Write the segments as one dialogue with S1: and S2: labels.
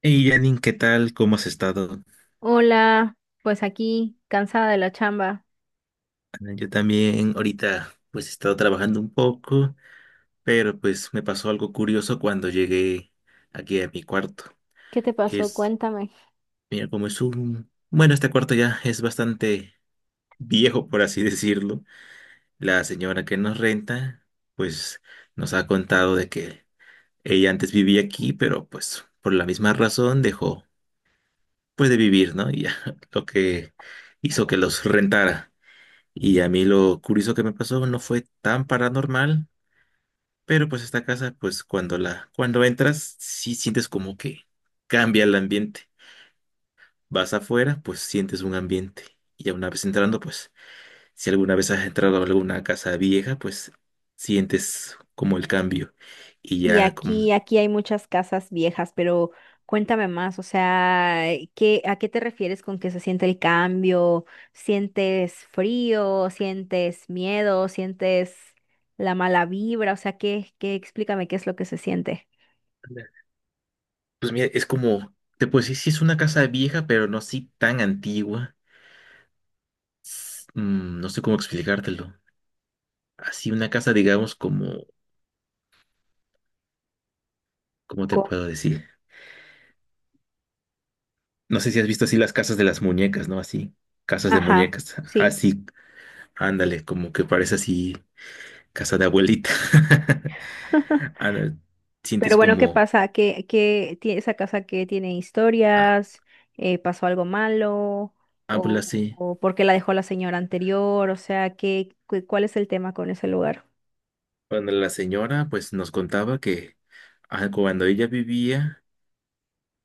S1: Hey Janin, ¿qué tal? ¿Cómo has estado?
S2: Hola, pues aquí, cansada de la chamba.
S1: Ah, yo también ahorita pues he estado trabajando un poco, pero pues me pasó algo curioso cuando llegué aquí a mi cuarto.
S2: ¿Qué te pasó?
S1: Es,
S2: Cuéntame.
S1: mira, bueno, este cuarto ya es bastante viejo, por así decirlo. La señora que nos renta pues nos ha contado de que ella antes vivía aquí, pero pues por la misma razón dejó pues de vivir, ¿no? Y ya lo que hizo que los rentara. Y a mí lo curioso que me pasó no fue tan paranormal, pero pues esta casa, pues cuando entras, sí sientes como que cambia el ambiente. Vas afuera, pues sientes un ambiente. Y ya una vez entrando, pues si alguna vez has entrado a alguna casa vieja, pues sientes como el cambio. Y
S2: Y
S1: ya
S2: aquí,
S1: como,
S2: aquí hay muchas casas viejas, pero cuéntame más, o sea, ¿qué, a qué te refieres con que se siente el cambio? ¿Sientes frío? ¿Sientes miedo? ¿Sientes la mala vibra? O sea, ¿qué, explícame qué es lo que se siente?
S1: pues mira, es como, te puedo decir, sí es una casa vieja, pero no así tan antigua. No sé cómo explicártelo. Así una casa, digamos, ¿cómo te
S2: Co-
S1: puedo decir? No sé si has visto así las casas de las muñecas, ¿no? Así, casas de
S2: Ajá,
S1: muñecas.
S2: sí.
S1: Así, ándale, como que parece así casa de abuelita. Ándale,
S2: Pero
S1: sientes
S2: bueno, ¿qué
S1: como,
S2: pasa? ¿Qué tiene esa casa que tiene
S1: ah,
S2: historias? ¿pasó algo malo?
S1: habla así.
S2: O por qué la dejó la señora anterior? O sea, ¿ cuál es el tema con ese lugar?
S1: Bueno, la señora pues nos contaba que cuando ella vivía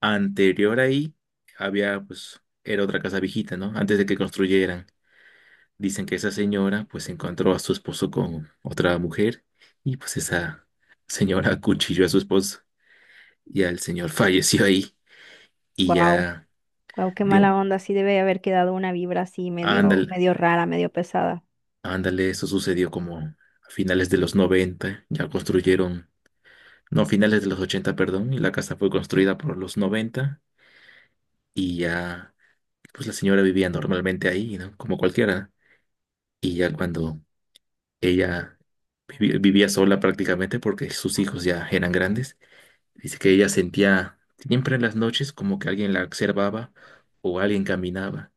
S1: anterior ahí, había pues, era otra casa viejita, ¿no? Antes de que construyeran. Dicen que esa señora pues encontró a su esposo con otra mujer y pues esa señora acuchilló a su esposo. Ya el señor falleció ahí y
S2: Wow,
S1: ya,
S2: wow, qué mala
S1: digo,
S2: onda. Sí debe haber quedado una vibra así medio,
S1: ándale,
S2: medio rara, medio pesada.
S1: ándale, eso sucedió como a finales de los 90 ya construyeron, no, finales de los 80 perdón, y la casa fue construida por los 90 y ya, pues la señora vivía normalmente ahí, ¿no? Como cualquiera. Y ya cuando ella vivía sola prácticamente porque sus hijos ya eran grandes, dice que ella sentía siempre en las noches como que alguien la observaba o alguien caminaba.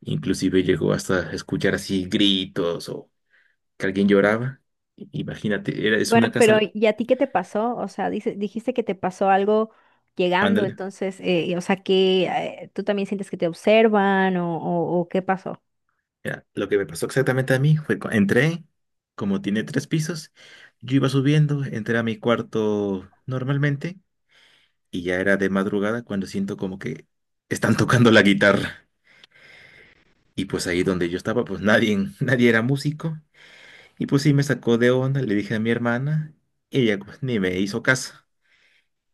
S1: Inclusive llegó hasta a escuchar así gritos o que alguien lloraba. Imagínate, era, es
S2: Bueno,
S1: una casa,
S2: pero ¿y a ti qué te pasó? O sea, dijiste que te pasó algo llegando,
S1: ándale.
S2: entonces, o sea, que tú también sientes que te observan o qué pasó?
S1: Mira, lo que me pasó exactamente a mí fue, entré, como tiene tres pisos, yo iba subiendo, entré a mi cuarto normalmente y ya era de madrugada cuando siento como que están tocando la guitarra. Y pues ahí donde yo estaba, pues nadie, nadie era músico. Y pues sí me sacó de onda, le dije a mi hermana, y ella pues, ni me hizo caso.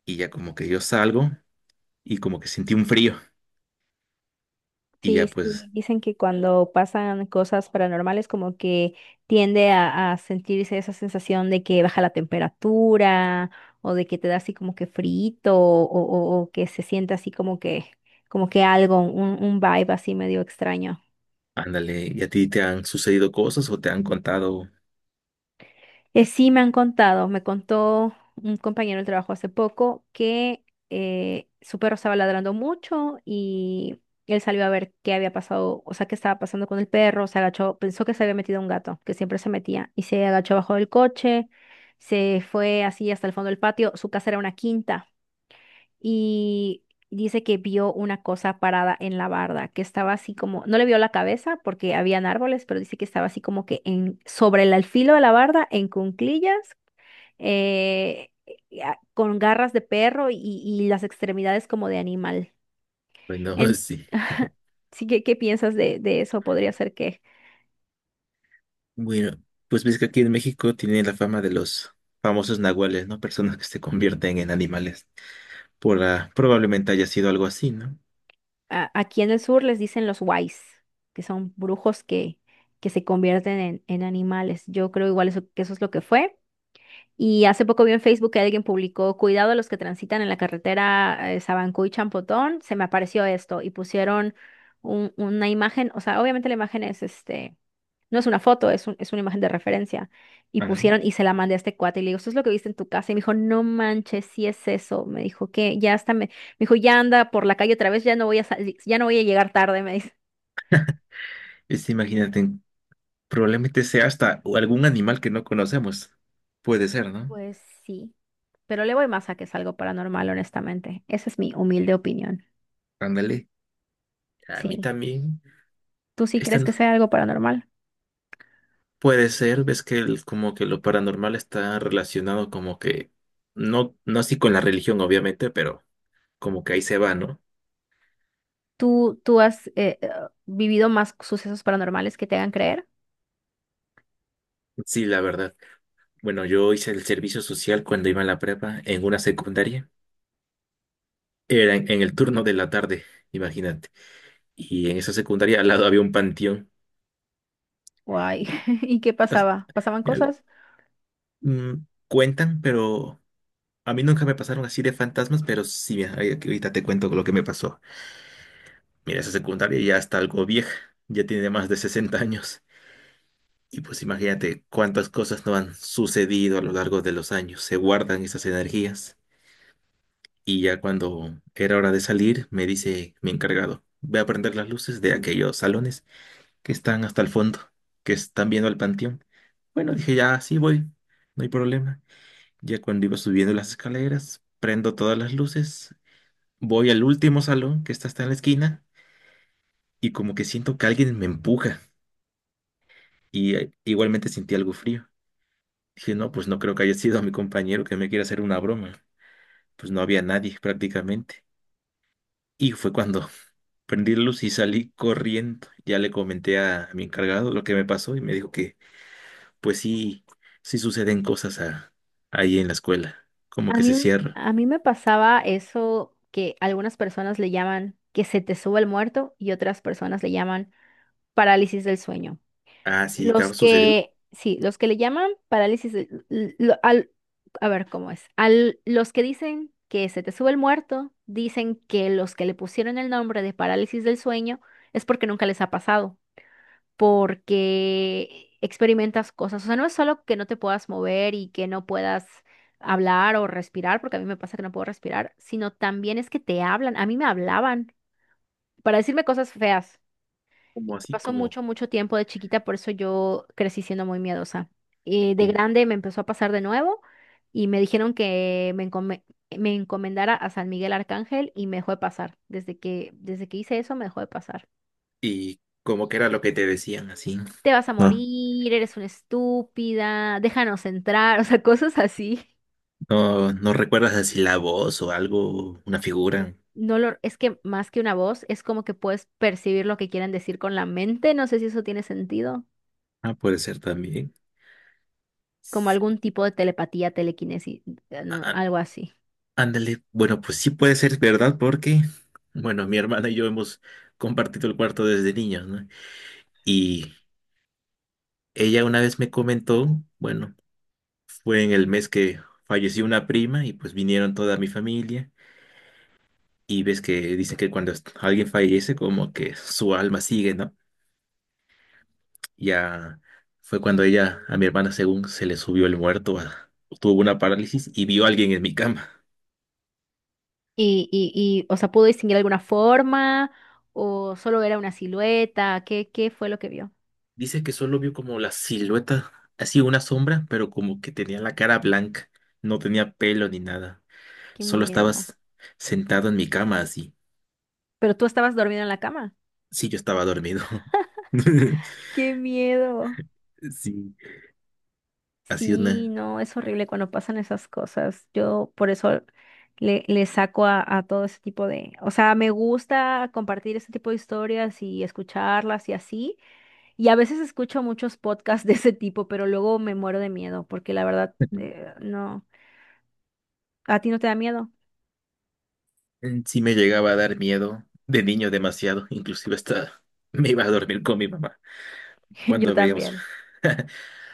S1: Y ya como que yo salgo. Y como que sentí un frío y
S2: Sí,
S1: ya
S2: sí,
S1: pues,
S2: dicen que cuando pasan cosas paranormales como que tiende a sentirse esa sensación de que baja la temperatura o de que te da así como que frito o que se siente así como que algo, un vibe así medio extraño.
S1: ándale, ¿y a ti te han sucedido cosas o te han contado?
S2: Sí, me han contado, me contó un compañero del trabajo hace poco que su perro estaba ladrando mucho y él salió a ver qué había pasado, o sea, qué estaba pasando con el perro, se agachó, pensó que se había metido un gato, que siempre se metía, y se agachó abajo del coche, se fue así hasta el fondo del patio, su casa era una quinta y dice que vio una cosa parada en la barda, que estaba así como, no le vio la cabeza porque habían árboles, pero dice que estaba así como que en, sobre el alfilo de la barda, en cunclillas, eh, y con garras de perro y las extremidades como de animal.
S1: Bueno,
S2: En,
S1: sí.
S2: sí, ¿qué piensas de eso? Podría ser que
S1: Bueno, pues ves que aquí en México tiene la fama de los famosos nahuales, ¿no? Personas que se convierten en animales. Probablemente haya sido algo así, ¿no?
S2: aquí en el sur les dicen los wais, que son brujos que se convierten en animales. Yo creo igual eso, que eso es lo que fue. Y hace poco vi en Facebook que alguien publicó, cuidado a los que transitan en la carretera Sabancuy Champotón, se me apareció esto y pusieron una imagen, o sea, obviamente la imagen es este, no es una foto, es, es una imagen de referencia. Y
S1: Ándale.
S2: pusieron y se la mandé a este cuate y le digo, ¿esto es lo que viste en tu casa? Y me dijo, no manches, sí es eso. Me dijo que ya hasta me, me dijo, ya anda por la calle otra vez, ya no voy a salir, ya no voy a llegar tarde, me dice.
S1: Imagínate, probablemente sea hasta algún animal que no conocemos. Puede ser, ¿no?
S2: Pues sí, pero le voy más a que es algo paranormal, honestamente. Esa es mi humilde opinión.
S1: Ándale. A mí
S2: Sí.
S1: también.
S2: ¿Tú sí
S1: Esta,
S2: crees
S1: no
S2: que sea algo paranormal?
S1: puede ser, ves que como que lo paranormal está relacionado como que, no, no así con la religión, obviamente, pero como que ahí se va, ¿no?
S2: ¿Tú has vivido más sucesos paranormales que te hagan creer?
S1: Sí, la verdad. Bueno, yo hice el servicio social cuando iba a la prepa en una secundaria. Era en el turno de la tarde, imagínate. Y en esa secundaria al lado había un panteón.
S2: Guay.
S1: Y
S2: ¿Y qué
S1: as-
S2: pasaba? ¿Pasaban
S1: al-
S2: cosas?
S1: mm, cuentan, pero a mí nunca me pasaron así de fantasmas, pero sí, mira, ahorita te cuento lo que me pasó. Mira, esa secundaria ya está algo vieja, ya tiene más de 60 años. Y pues imagínate cuántas cosas no han sucedido a lo largo de los años. Se guardan esas energías. Y ya cuando era hora de salir, me dice mi encargado, ve a prender las luces de aquellos salones que están hasta el fondo, que están viendo al panteón. Bueno, dije, ya, sí voy, no hay problema. Ya cuando iba subiendo las escaleras, prendo todas las luces, voy al último salón que está hasta en la esquina y como que siento que alguien me empuja. Y igualmente sentí algo frío. Dije, no, pues no creo que haya sido mi compañero que me quiera hacer una broma. Pues no había nadie prácticamente. Y fue cuando prendí la luz y salí corriendo. Ya le comenté a mi encargado lo que me pasó y me dijo que, pues sí, sí suceden cosas ahí en la escuela. Como
S2: A
S1: que
S2: mí,
S1: se cierra.
S2: a mí me pasaba eso que algunas personas le llaman que se te sube el muerto y otras personas le llaman parálisis del sueño.
S1: Ah, sí, ¿te ha
S2: Los
S1: sucedido?
S2: que, sí, los que le llaman parálisis, a ver cómo es. Al, los que dicen que se te sube el muerto, dicen que los que le pusieron el nombre de parálisis del sueño es porque nunca les ha pasado, porque experimentas cosas. O sea, no es solo que no te puedas mover y que no puedas hablar o respirar, porque a mí me pasa que no puedo respirar, sino también es que te hablan. A mí me hablaban para decirme cosas feas.
S1: Como así,
S2: Pasó
S1: como,
S2: mucho, mucho tiempo de chiquita, por eso yo crecí siendo muy miedosa. Y de
S1: como-
S2: grande me empezó a pasar de nuevo y me dijeron que me, me encomendara a San Miguel Arcángel y me dejó de pasar. Desde que hice eso, me dejó de pasar.
S1: Y como que era lo que te decían, así.
S2: Te vas a
S1: No,
S2: morir, eres una estúpida, déjanos entrar, o sea, cosas así.
S1: no, no recuerdas así la voz o algo, una figura.
S2: No lo, es que más que una voz, es como que puedes percibir lo que quieren decir con la mente. No sé si eso tiene sentido.
S1: Ah, puede ser también.
S2: Como algún tipo de telepatía, telequinesis, no, algo así.
S1: Ándale, bueno, pues sí puede ser verdad porque, bueno, mi hermana y yo hemos compartido el cuarto desde niños, ¿no? Y ella una vez me comentó, bueno, fue en el mes que falleció una prima y pues vinieron toda mi familia y ves que dicen que cuando alguien fallece como que su alma sigue, ¿no? Ya fue cuando ella, a mi hermana según se le subió el muerto, tuvo una parálisis y vio a alguien en mi cama.
S2: Y o sea, ¿pudo distinguir alguna forma o solo era una silueta? ¿Qué fue lo que vio?
S1: Dice que solo vio como la silueta, así una sombra, pero como que tenía la cara blanca, no tenía pelo ni nada.
S2: Qué
S1: Solo
S2: miedo.
S1: estabas sentado en mi cama así.
S2: Pero tú estabas dormido en la cama.
S1: Sí, yo estaba dormido.
S2: Qué miedo.
S1: Sí, así
S2: Sí,
S1: una.
S2: no, es horrible cuando pasan esas cosas. Yo por eso le saco a todo ese tipo de... O sea, me gusta compartir ese tipo de historias y escucharlas y así. Y a veces escucho muchos podcasts de ese tipo, pero luego me muero de miedo porque la verdad, no. ¿A ti no te da miedo?
S1: Sí me llegaba a dar miedo de niño demasiado, inclusive hasta me iba a dormir con mi mamá
S2: Yo
S1: cuando veíamos.
S2: también.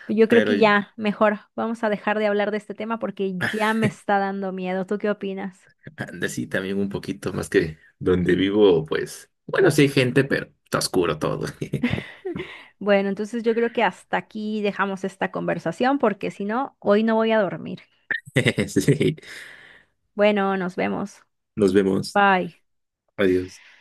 S2: Yo creo
S1: Pero
S2: que ya, mejor, vamos a dejar de hablar de este tema porque ya me está dando miedo. ¿Tú qué opinas?
S1: anda, sí, también un poquito más que donde vivo, pues, bueno, sí hay gente, pero está oscuro todo.
S2: Bueno, entonces yo creo que hasta aquí dejamos esta conversación porque si no, hoy no voy a dormir.
S1: Sí.
S2: Bueno, nos vemos.
S1: Nos vemos.
S2: Bye.
S1: Adiós.